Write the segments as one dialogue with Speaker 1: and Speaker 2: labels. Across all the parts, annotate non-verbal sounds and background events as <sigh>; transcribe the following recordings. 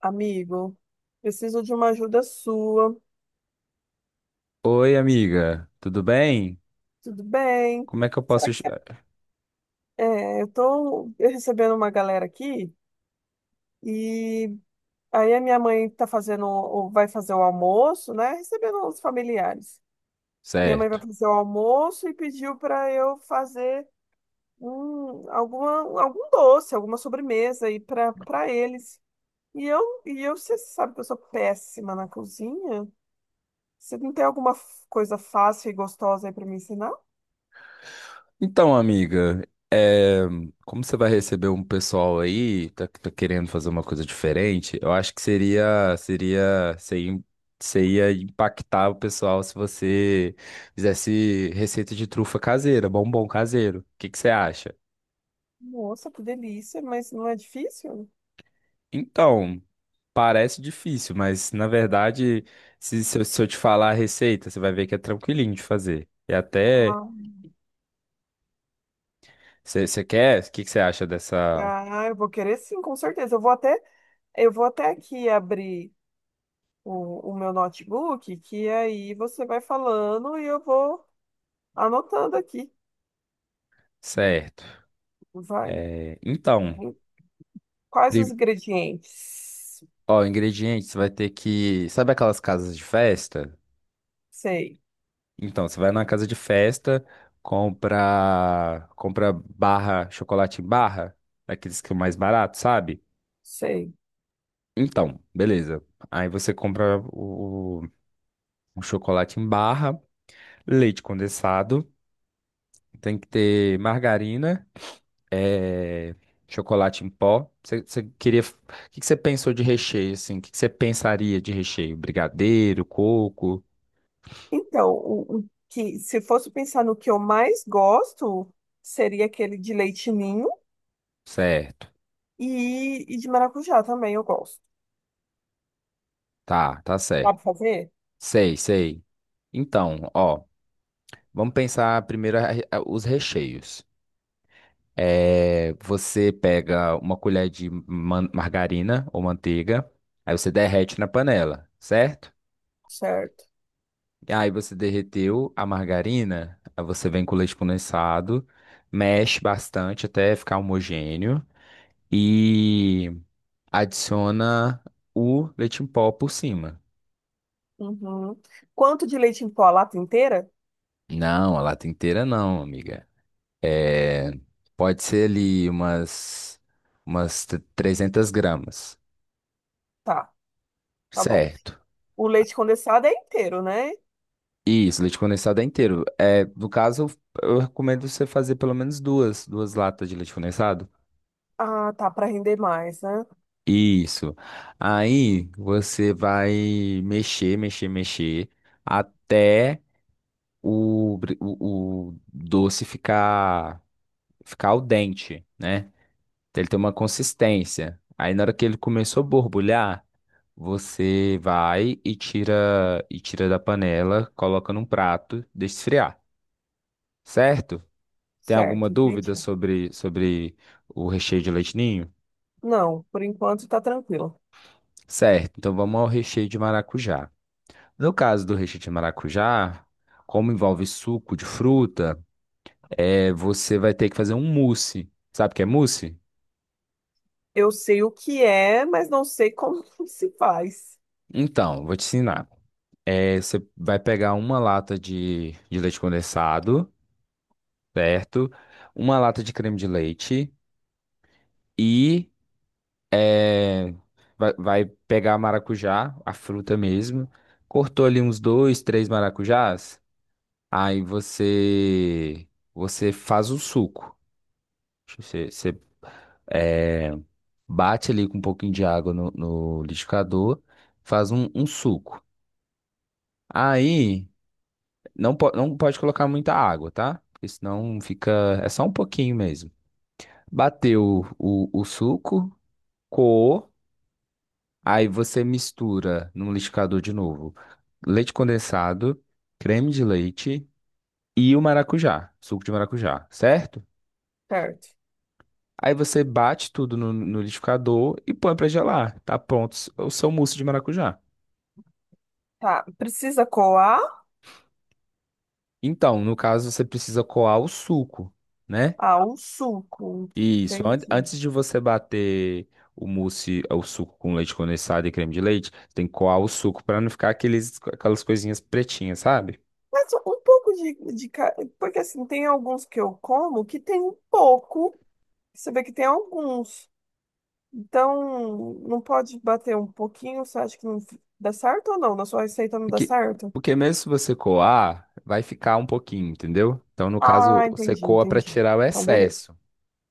Speaker 1: Amigo, preciso de uma ajuda sua.
Speaker 2: Oi, amiga, tudo bem?
Speaker 1: Tudo bem?
Speaker 2: Como é que eu posso.
Speaker 1: Será que você... eu tô recebendo uma galera aqui e aí a minha mãe tá fazendo, vai fazer o almoço, né? Recebendo os familiares. Minha mãe vai
Speaker 2: Certo.
Speaker 1: fazer o almoço e pediu para eu fazer algum doce, alguma sobremesa aí para eles. Você sabe que eu sou péssima na cozinha. Você não tem coisa fácil e gostosa aí para me ensinar?
Speaker 2: Então, amiga, é, como você vai receber um pessoal aí, tá querendo fazer uma coisa diferente, eu acho que você ia impactar o pessoal se você fizesse receita de trufa caseira, bombom caseiro. O que que você acha?
Speaker 1: Nossa, que delícia, mas não é difícil?
Speaker 2: Então, parece difícil, mas na verdade, se eu te falar a receita, você vai ver que é tranquilinho de fazer. E até.
Speaker 1: Ah,
Speaker 2: Você quer? O que você acha dessa?
Speaker 1: ah, eu vou querer sim, com certeza. Eu vou até aqui abrir o meu notebook, que aí você vai falando e eu vou anotando aqui.
Speaker 2: Certo.
Speaker 1: Vai.
Speaker 2: Então,
Speaker 1: Quais os
Speaker 2: prim-
Speaker 1: ingredientes?
Speaker 2: ó, ingredientes, você vai ter que. Sabe aquelas casas de festa?
Speaker 1: Sei,
Speaker 2: Então, você vai na casa de festa, compra barra, chocolate em barra, daqueles que é o mais barato, sabe?
Speaker 1: sei.
Speaker 2: Então, beleza. Aí você compra o chocolate em barra, leite condensado, tem que ter margarina. é, Chocolate em pó. Você queria. O que que você pensou de recheio, assim? O que que você pensaria de recheio? Brigadeiro, coco?
Speaker 1: Então, o que, se fosse pensar no que eu mais gosto, seria aquele de leite ninho
Speaker 2: Certo.
Speaker 1: e de maracujá também eu gosto.
Speaker 2: Tá, tá certo.
Speaker 1: Sabe fazer?
Speaker 2: Sei, sei. Então, ó, vamos pensar primeiro os recheios. Você pega uma colher de margarina ou manteiga, aí você derrete na panela, certo?
Speaker 1: Certo.
Speaker 2: Aí você derreteu a margarina, aí você vem com o leite condensado, mexe bastante até ficar homogêneo e adiciona o leite em pó por cima.
Speaker 1: Uhum. Quanto de leite em pó? A lata inteira?
Speaker 2: Não, a lata inteira não, amiga. É, pode ser ali umas 300 gramas,
Speaker 1: Tá, tá bom.
Speaker 2: certo?
Speaker 1: O leite condensado é inteiro, né?
Speaker 2: Isso, leite condensado é inteiro. No caso, eu recomendo você fazer pelo menos duas latas de leite condensado.
Speaker 1: Ah, tá, para render mais, né?
Speaker 2: Isso. Aí você vai mexer, mexer, mexer até o doce ficar al dente, né? Até ele ter uma consistência. Aí na hora que ele começou a borbulhar, você vai e tira da panela, coloca num prato, deixa esfriar, certo? Tem alguma
Speaker 1: Certo, entendi.
Speaker 2: dúvida sobre o recheio de leite ninho?
Speaker 1: Não, por enquanto tá tranquilo.
Speaker 2: Certo. Então vamos ao recheio de maracujá. No caso do recheio de maracujá, como envolve suco de fruta, você vai ter que fazer um mousse. Sabe o que é mousse?
Speaker 1: Eu sei o que é, mas não sei como <laughs> se faz.
Speaker 2: Então, vou te ensinar. Você vai pegar uma lata de leite condensado, certo? Uma lata de creme de leite e é, vai pegar a maracujá, a fruta mesmo. Cortou ali uns dois, três maracujás. Aí você faz o suco. Você, é, bate ali com um pouquinho de água no liquidificador, faz um suco. Aí não pode colocar muita água, tá? Porque senão fica. É só um pouquinho mesmo. Bateu o suco, coou, aí você mistura no liquidificador de novo leite condensado, creme de leite e o maracujá, suco de maracujá, certo?
Speaker 1: Certo.
Speaker 2: Aí você bate tudo no liquidificador e põe pra gelar. Tá pronto o seu mousse de maracujá.
Speaker 1: Tá, precisa coar?
Speaker 2: Então, no caso, você precisa coar o suco, né?
Speaker 1: Ah, um suco.
Speaker 2: Isso. An-
Speaker 1: Entendi.
Speaker 2: Antes de você bater o mousse, o suco com leite condensado e creme de leite, tem que coar o suco para não ficar aquelas coisinhas pretinhas, sabe?
Speaker 1: Mas um pouco porque assim, tem alguns que eu como que tem um pouco. Você vê que tem alguns. Então, não pode bater um pouquinho? Você acha que não f- dá certo ou não? Na sua receita não dá
Speaker 2: Porque,
Speaker 1: certo?
Speaker 2: porque mesmo se você coar, vai ficar um pouquinho, entendeu? Então, no caso,
Speaker 1: Ah,
Speaker 2: você
Speaker 1: entendi,
Speaker 2: coa para
Speaker 1: entendi.
Speaker 2: tirar o
Speaker 1: Então, beleza.
Speaker 2: excesso.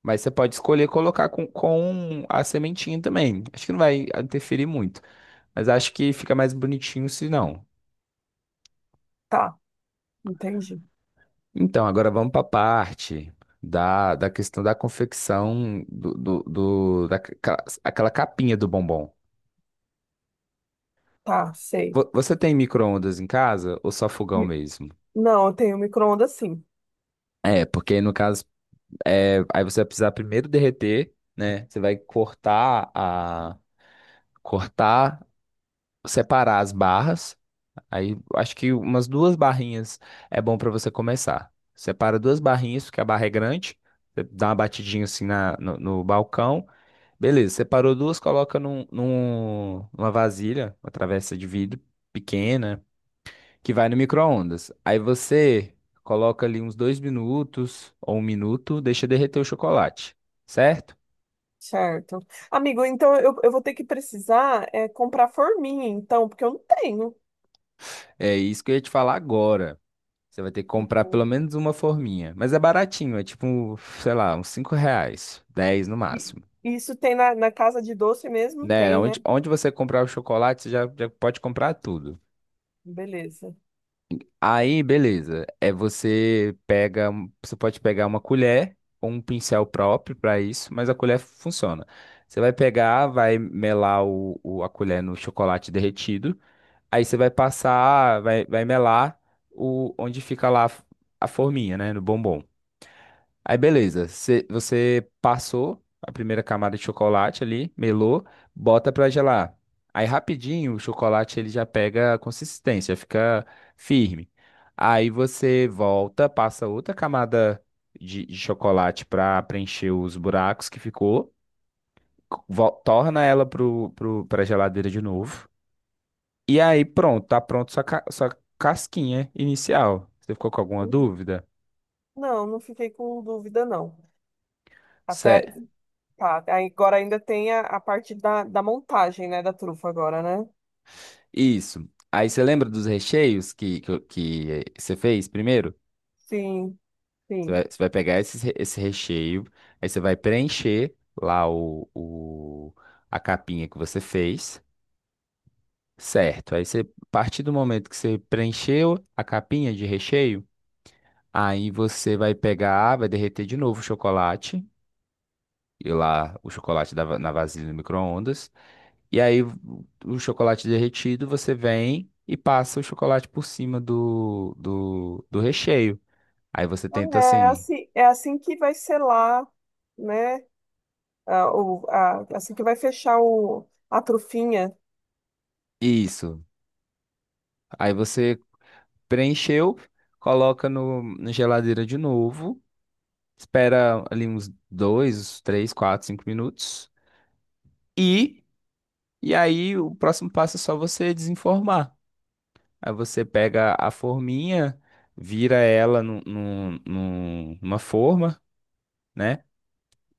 Speaker 2: Mas você pode escolher colocar com a sementinha também. Acho que não vai interferir muito. Mas acho que fica mais bonitinho se não.
Speaker 1: Tá, entendi.
Speaker 2: Então, agora vamos para a parte da questão da confecção aquela capinha do bombom.
Speaker 1: Tá, sei.
Speaker 2: Você tem micro-ondas em casa ou só fogão
Speaker 1: Mi-
Speaker 2: mesmo?
Speaker 1: Não, eu tenho micro-ondas sim.
Speaker 2: Porque no caso, aí você vai precisar primeiro derreter, né? Você vai cortar, separar as barras. Aí acho que umas duas barrinhas é bom para você começar. Separa duas barrinhas, porque a barra é grande. Você dá uma batidinha assim na, no no balcão. Beleza, separou duas, coloca numa vasilha, uma travessa de vidro pequena, que vai no micro-ondas. Aí você coloca ali uns dois minutos ou um minuto, deixa derreter o chocolate, certo?
Speaker 1: Certo. Amigo, então eu vou ter que precisar comprar forminha, então, porque eu não tenho.
Speaker 2: É isso que eu ia te falar agora. Você vai ter que comprar pelo menos uma forminha. Mas é baratinho, é tipo, sei lá, uns 5 reais, 10 no
Speaker 1: E-
Speaker 2: máximo.
Speaker 1: Isso tem na, na casa de doce mesmo?
Speaker 2: Né?
Speaker 1: Tem, né?
Speaker 2: Onde você comprar o chocolate, você já, já pode comprar tudo.
Speaker 1: Beleza.
Speaker 2: Aí, beleza. Você pode pegar uma colher ou um pincel próprio para isso, mas a colher funciona. Você vai pegar, vai melar a colher no chocolate derretido. Aí você vai passar, vai melar onde fica lá a forminha, né, no bombom. Aí beleza, você passou a primeira camada de chocolate ali, melou, bota pra gelar. Aí rapidinho o chocolate ele já pega a consistência, fica firme. Aí você volta, passa outra camada de chocolate pra preencher os buracos que ficou, torna ela pra geladeira de novo. E aí pronto, tá pronto sua casquinha inicial. Você ficou com alguma
Speaker 1: Uhum.
Speaker 2: dúvida?
Speaker 1: Não, não fiquei com dúvida, não. Até, tá, aí agora ainda tem a parte da, da montagem, né, da trufa agora, né?
Speaker 2: Isso. Aí você lembra dos recheios que você fez primeiro?
Speaker 1: Sim,
Speaker 2: Você vai,
Speaker 1: sim.
Speaker 2: você vai pegar esse recheio, aí você vai preencher lá a capinha que você fez, certo? Aí a partir do momento que você preencheu a capinha de recheio, aí você vai pegar, vai derreter de novo o chocolate, e lá o chocolate na vasilha do micro-ondas. E aí o chocolate derretido você vem e passa o chocolate por cima do recheio. Aí você
Speaker 1: Ah, É
Speaker 2: tenta assim,
Speaker 1: é assim que vai selar, né? Assim que vai fechar a trufinha.
Speaker 2: isso. Aí você preencheu, coloca no, na geladeira de novo, espera ali uns dois, uns três, quatro, cinco minutos e e aí o próximo passo é só você desenformar. Aí você pega a forminha, vira ela numa forma né?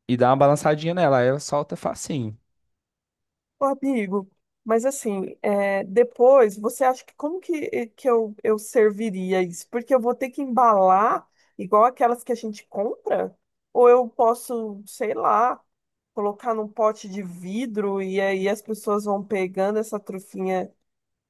Speaker 2: e dá uma balançadinha nela, aí ela solta facinho.
Speaker 1: Ô, amigo, mas assim, é, depois você acha que como que, que eu serviria isso? Porque eu vou ter que embalar igual aquelas que a gente compra? Ou eu posso, sei lá, colocar num pote de vidro e aí as pessoas vão pegando essa trufinha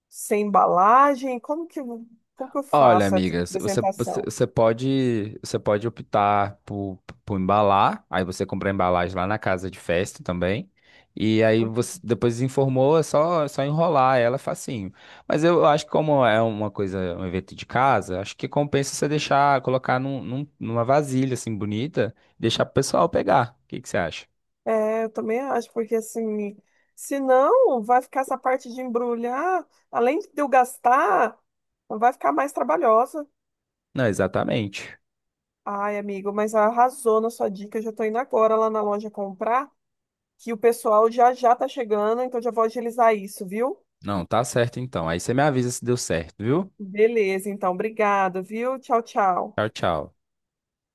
Speaker 1: sem embalagem? Como que eu
Speaker 2: Olha,
Speaker 1: faço essa
Speaker 2: amiga, c- você, você,
Speaker 1: apresentação?
Speaker 2: você pode você pode optar por embalar, aí você compra a embalagem lá na casa de festa também. E aí você depois informou, é só enrolar ela facinho. Mas eu acho que como é uma coisa, um evento de casa, acho que compensa você deixar, colocar numa vasilha assim bonita, deixar pro pessoal pegar. O que que você acha?
Speaker 1: É, eu também acho, porque assim, se não, vai ficar essa parte de embrulhar, além de eu gastar, vai ficar mais trabalhosa.
Speaker 2: Não, exatamente.
Speaker 1: Ai, amigo, mas arrasou na sua dica, eu já tô indo agora lá na loja comprar, que o pessoal já tá chegando, então já vou agilizar isso, viu?
Speaker 2: Não, tá certo então. Aí você me avisa se deu certo, viu?
Speaker 1: Beleza, então, obrigado, viu? Tchau, tchau.
Speaker 2: Tchau, tchau.